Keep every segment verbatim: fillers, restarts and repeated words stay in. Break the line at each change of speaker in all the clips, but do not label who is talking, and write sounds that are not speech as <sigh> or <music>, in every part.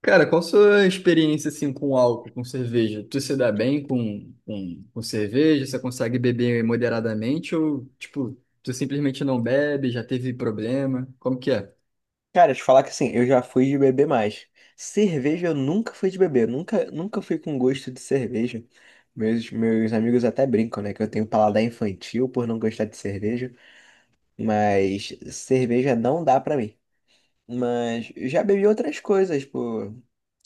Cara, qual a sua experiência assim com álcool, com cerveja? Tu se dá bem com, com, com cerveja? Você consegue beber moderadamente ou tipo, tu simplesmente não bebe, já teve problema? Como que é?
Cara, te falar que assim, eu já fui de beber mais. Cerveja eu nunca fui de beber, nunca, nunca fui com gosto de cerveja. Meus, meus amigos até brincam, né, que eu tenho paladar infantil por não gostar de cerveja, mas cerveja não dá pra mim. Mas já bebi outras coisas, pô.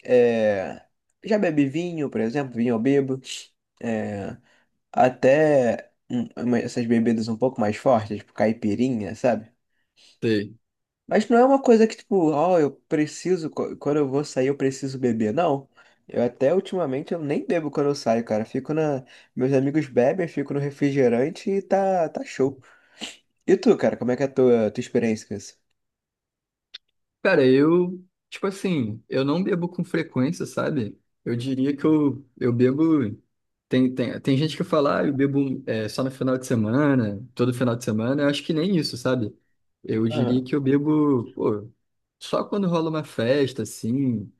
É, já bebi vinho, por exemplo, vinho eu bebo. É, até hum, essas bebidas um pouco mais fortes, tipo caipirinha, sabe?
Sei.
Mas não é uma coisa que, tipo, ó, eu preciso, qu- quando eu vou sair, eu preciso beber. Não. Eu até ultimamente eu nem bebo quando eu saio, cara. Fico na. Meus amigos bebem, eu fico no refrigerante e tá, tá show. E tu, cara, como é que é a tua, tua experiência com isso?
Cara, eu, tipo assim, eu não bebo com frequência, sabe? Eu diria que eu, eu bebo. Tem, tem, tem gente que fala, ah, eu bebo é, só no final de semana, todo final de semana. Eu acho que nem isso, sabe? Eu diria
Aham,
que eu bebo, pô, só quando rola uma festa, assim,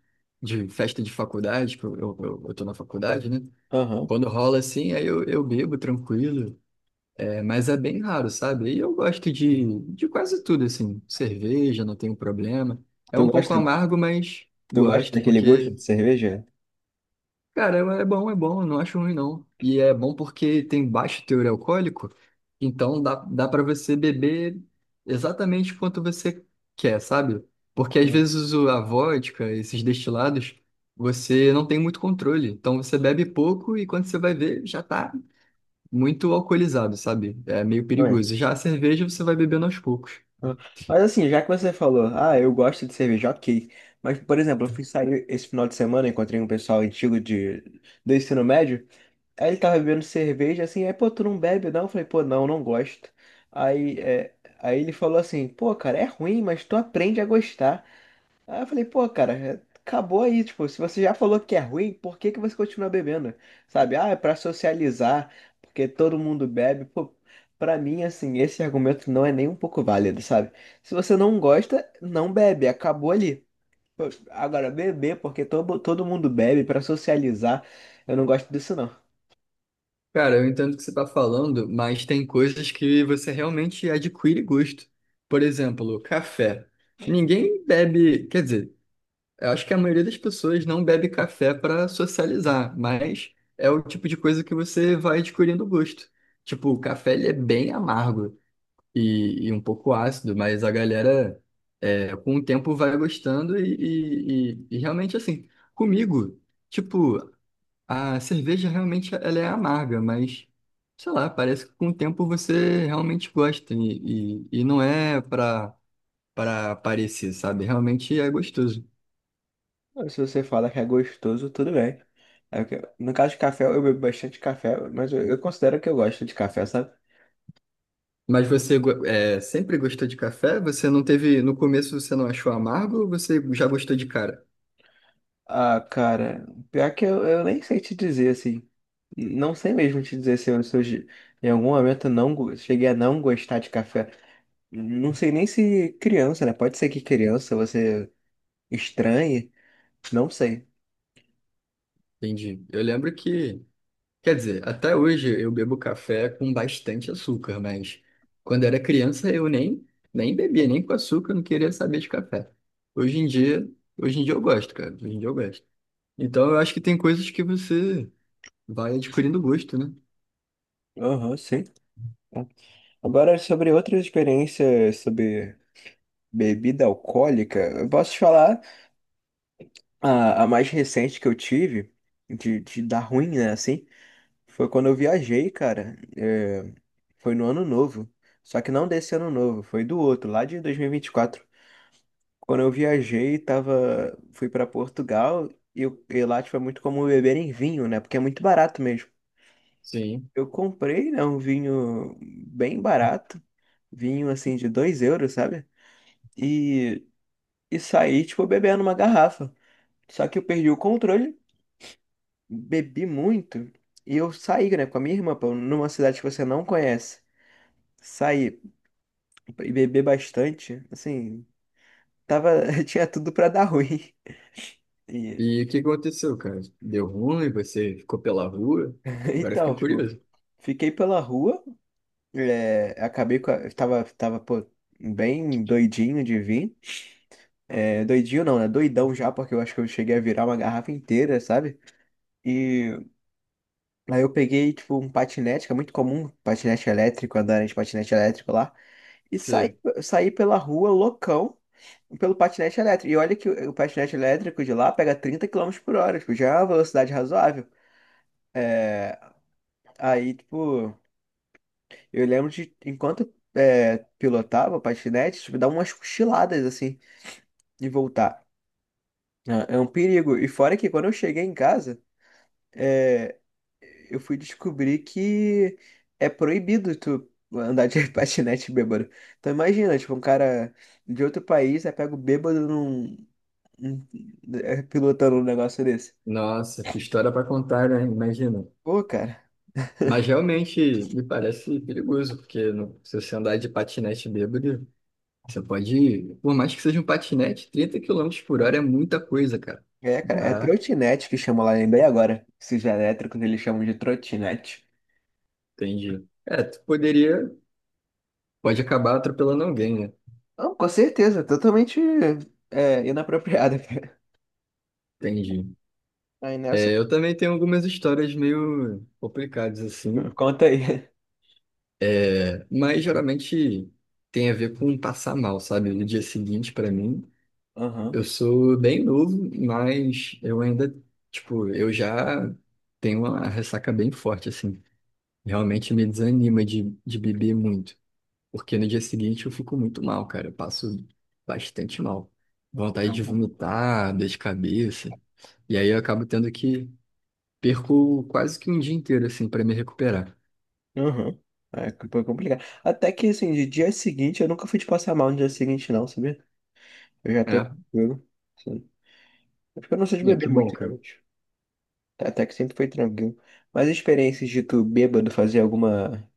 de festa de faculdade, que eu, eu, eu eu tô na faculdade, né?
aham.
Quando rola assim, aí eu, eu bebo tranquilo. É, mas é bem raro, sabe? E eu gosto de, de quase tudo, assim. Cerveja, não tenho problema. É
Tu
um pouco
gosta,
amargo, mas
tu gosta
gosto,
daquele gosto
porque,
de cerveja?
cara, é é bom, é bom, não acho ruim, não. E é bom porque tem baixo teor alcoólico, então dá, dá para você beber exatamente quanto você quer, sabe? Porque às
Aham.
vezes o- a vodka, esses destilados, você não tem muito controle. Então você bebe pouco e quando você vai ver, já tá muito alcoolizado, sabe? É meio perigoso.
Exatamente.
Já a cerveja você vai bebendo aos poucos.
Aham. Mas assim, já que você falou, ah, eu gosto de cerveja, ok. Mas, por exemplo, eu fui sair esse final de semana, encontrei um pessoal antigo de, do ensino médio. Aí ele tava bebendo cerveja, assim, aí, pô, tu não bebe não? Eu falei, pô, não, não gosto. Aí, é, aí ele falou assim, pô, cara, é ruim, mas tu aprende a gostar. Aí eu falei, pô, cara, é- acabou aí, tipo, se você já falou que é ruim, por que que você continua bebendo? Sabe, ah, é pra socializar, porque todo mundo bebe. Pô, pra mim, assim, esse argumento não é nem um pouco válido, sabe? Se você não gosta, não bebe, acabou ali. Pô, agora, beber, porque todo, todo mundo bebe pra socializar, eu não gosto disso não.
Cara, eu entendo o que você tá falando, mas tem coisas que você realmente adquire gosto. Por exemplo, café. Ninguém bebe, quer dizer, eu acho que a maioria das pessoas não bebe café para socializar, mas é o tipo de coisa que você vai adquirindo gosto. Tipo, o café ele é bem amargo. e, e um pouco ácido, mas a galera é, com o tempo vai gostando e, e, e- e realmente assim, comigo, tipo, a cerveja realmente ela é amarga, mas sei lá, parece que com o tempo você realmente gosta e, e, e não é pra, pra parecer, sabe? Realmente é gostoso.
Se você fala que é gostoso, tudo bem. É que- No caso de café, eu bebo bastante café, mas eu, eu considero que eu gosto de café, sabe?
Mas você go- é, sempre gostou de café? Você não teve, no começo você não achou amargo ou você já gostou de cara?
Ah, cara, pior que eu, eu nem sei te dizer assim. Não sei mesmo te dizer se eu, se eu ge- em algum momento eu não go- cheguei a não gostar de café. Não sei nem se criança, né? Pode ser que criança você estranhe, não sei.
Entendi. Eu lembro que Quer dizer, até hoje eu bebo café com bastante açúcar, mas quando era criança eu nem, nem bebia, nem com açúcar, eu não queria saber de café. Hoje em dia, hoje em dia eu gosto, cara. Hoje em dia eu gosto. Então eu acho que tem coisas que você vai adquirindo gosto, né?
Aham, sim. Agora, sobre outras experiências sobre bebida alcoólica, eu posso te falar. A, a mais recente que eu tive, de, de dar ruim, né, assim, foi quando eu viajei, cara. É, foi no ano novo. Só que não desse ano novo, foi do outro, lá de dois mil e e vinte e quatro. Quando eu viajei, tava, fui pra Portugal e, eu- e lá, tipo, é muito comum beberem vinho, né? Porque é muito barato mesmo.
Sim.
Eu comprei, né, um vinho bem barato, vinho, assim, de dois euros, sabe? E, e saí, tipo, bebendo uma garrafa. Só que eu perdi o controle, bebi muito e eu saí, né, com a minha irmã, pô, numa cidade que você não conhece. Saí e bebi bastante, assim, tava, <laughs> tinha tudo pra dar ruim. E,
E o que que aconteceu, cara? Deu ruim, você ficou pela rua?
<laughs>
Agora eu fiquei
então, tipo,
curioso.
fiquei pela rua, é, acabei com a, tava, tava, pô, bem doidinho de vir. É, doidinho não, né? Doidão já, porque eu acho que eu cheguei a virar uma garrafa inteira, sabe? E aí eu peguei, tipo, um patinete, que é muito comum, patinete elétrico, andar de patinete elétrico lá. E
Você-
saí, saí pela rua loucão pelo patinete elétrico. E olha que o o patinete elétrico de lá pega trinta quilômetros por hora, tipo, já é uma velocidade razoável. É, aí, tipo, eu lembro de enquanto é, pilotava o patinete, tipo, dar umas cochiladas assim e voltar. É é um perigo. E fora que quando eu cheguei em casa, é, eu fui descobrir que é proibido tu andar de <laughs> patinete bêbado. Então imagina, tipo, um cara de outro país, aí pega o bêbado num, hum, é, pilotando um negócio desse.
Nossa, que história para contar, né? Imagina.
Pô, cara.
Mas realmente me parece perigoso, porque no- se você andar de patinete bêbado. Você pode, por mais que seja um patinete, trinta quilômetros por hora é muita coisa, cara.
É, cara, é
Dá,
trotinete que chama lá, lembrei agora. Esses elétricos eles chamam de trotinete.
entendi. É, tu poderia, pode acabar atropelando alguém, né?
Não, com certeza, totalmente é, inapropriada. <laughs> cara.
Entendi.
Aí nessa.
É, eu também tenho algumas histórias meio complicadas assim.
Conta aí.
É, mas geralmente tem a ver com passar mal, sabe? No dia seguinte, pra mim,
Aham,
eu sou bem novo, mas eu ainda, tipo, eu já tenho uma ressaca bem forte, assim. Realmente me desanima de, de beber muito. Porque no dia seguinte eu fico muito mal, cara. Eu passo bastante mal. Vontade de
Uhum.
vomitar, dor de cabeça. E aí eu acabo tendo que perco quase que um dia inteiro, assim, pra me recuperar.
aham. É, foi complicado. Até que, assim, de dia seguinte, eu nunca fui de passar mal no dia seguinte, não, sabia? Eu já tô
É,
tranquilo. Sim. É porque eu não sou de
é
beber
que
muito,
bom, cara.
realmente. Até que sempre foi tranquilo. Mas experiências de tu bêbado fazer alguma.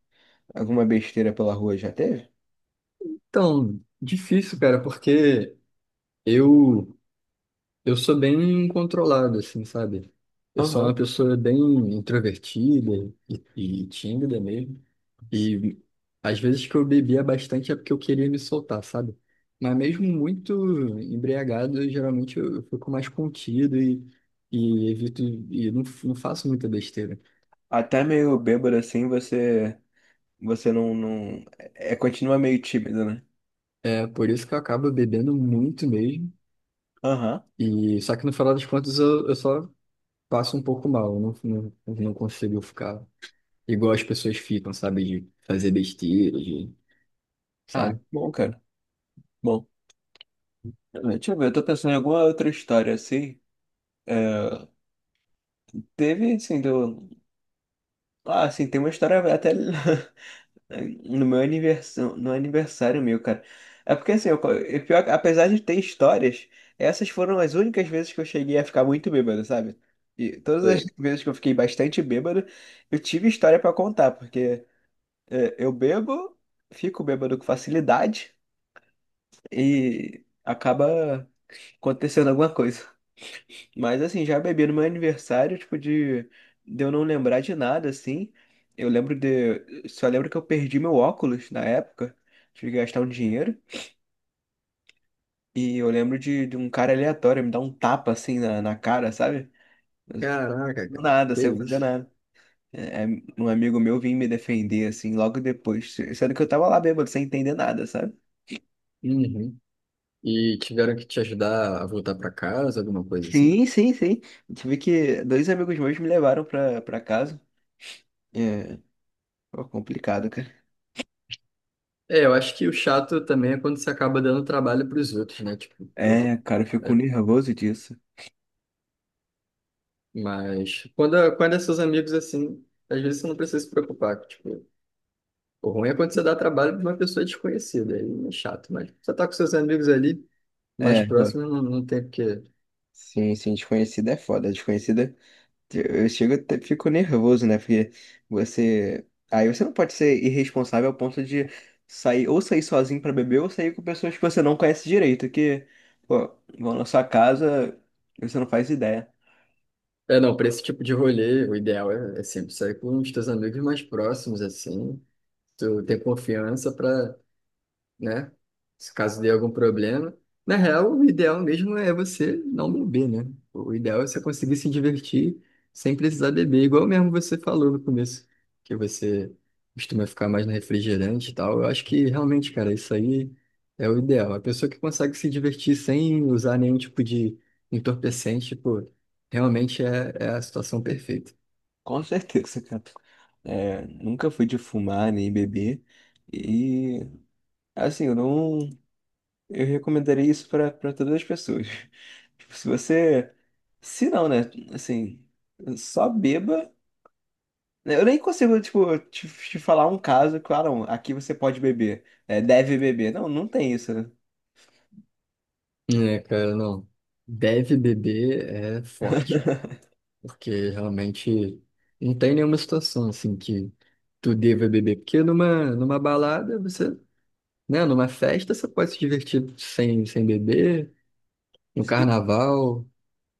Alguma besteira pela rua já teve?
Então, difícil, cara, porque eu Eu sou bem controlado, assim, sabe? Eu sou
Aham.
uma pessoa bem introvertida e, e tímida mesmo. E às vezes que eu bebia bastante é porque eu queria me soltar, sabe? Mas mesmo muito embriagado, eu, geralmente eu, eu fico mais contido e, e evito e não, não faço muita besteira.
Até meio bêbado assim, você você não, não é é, continua meio tímido, né?
É por isso que eu acabo bebendo muito mesmo.
Aham.
E só que no final das contas eu, eu só passo um pouco mal, eu não, não, não consigo ficar Igual as pessoas ficam, sabe? De fazer besteira, de,
Ah,
sabe?
bom, cara. Bom. Deixa eu ver, eu tô pensando em alguma outra história assim. É, teve, assim, do... Ah, assim, tem uma história até <laughs> no meu aniversário, no aniversário meu, cara. É porque assim, eu, co- e pior é que- apesar de ter histórias, essas foram as únicas vezes que eu cheguei a ficar muito bêbado, sabe? E todas as
Sei.
<laughs> vezes que eu fiquei bastante bêbado, eu tive história pra contar, porque é, eu bebo, fico bêbado com facilidade e acaba acontecendo alguma coisa. Mas assim, já bebi no meu aniversário, tipo, de, de eu não lembrar de nada, assim. Eu lembro de. Só lembro que eu perdi meu óculos na época. Tive que gastar um dinheiro. E eu lembro de, de um cara aleatório me dar um tapa assim na, na cara, sabe? Mas
Caraca,
do
cara.
nada,
Que
sem eu fazer
isso?
nada. É, é, um amigo meu vinha me defender, assim, logo depois. Sendo que eu tava lá bêbado, sem entender nada, sabe?
Uhum. E tiveram que te ajudar a voltar pra casa, alguma coisa assim?
Sim, sim, sim. Tive que. Dois amigos meus me levaram pra, pra casa. É, pô, complicado, cara.
É, eu acho que o chato também é quando você acaba dando trabalho pros outros, né? Tipo, pô,
É, cara, eu fico
é-
nervoso disso.
mas quando, é- quando é seus amigos assim, às vezes você não precisa se preocupar. Tipo, o ruim é quando você dá trabalho pra uma pessoa desconhecida, aí é chato, mas você tá com seus amigos ali,
É,
mais
agora.
próximos, não, não tem o que.
Sim, sim, desconhecida é foda. Desconhecida, eu chego, até fico nervoso, né? Porque você. Aí você não pode ser irresponsável ao ponto de sair, ou sair sozinho pra beber, ou sair com pessoas que você não conhece direito, que, pô, vão na sua casa, e você não faz ideia.
É, não, para esse tipo de rolê, o ideal é, é sempre sair com os teus amigos mais próximos, assim. Tu tem confiança para né? Se caso dê algum problema. Na real, o ideal mesmo é você não beber, né? O ideal é você conseguir se divertir sem precisar beber, igual mesmo você falou no começo, que você costuma ficar mais no refrigerante e tal. Eu acho que realmente, cara, isso aí é o ideal. A pessoa que consegue se divertir sem usar nenhum tipo de entorpecente, pô, realmente é, é a situação perfeita.
Com certeza, cara. É, nunca fui de fumar nem beber. E, assim, eu não. Eu recomendaria isso para para todas as pessoas. <laughs> Tipo, se você. Se não, né? Assim, só beba. Né, eu nem consigo, tipo, te, te falar um caso, claro, aqui você pode beber, é, deve beber. Não, não tem isso, né?
É, cara, não. Deve beber é forte. Porque realmente não tem nenhuma situação assim que tu deva beber. Porque numa, numa balada, você, né? Numa festa, você pode se divertir sem, sem beber, no
Sim,
carnaval.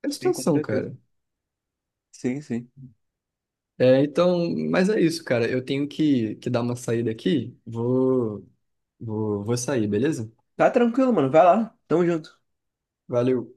É
sim, com
situação,
certeza.
cara.
Sim, sim.
É, então, mas é isso, cara. Eu tenho que, que dar uma saída aqui. Vou, vou, vou sair, beleza?
Tá tranquilo, mano. Vai lá. Tamo junto.
Valeu.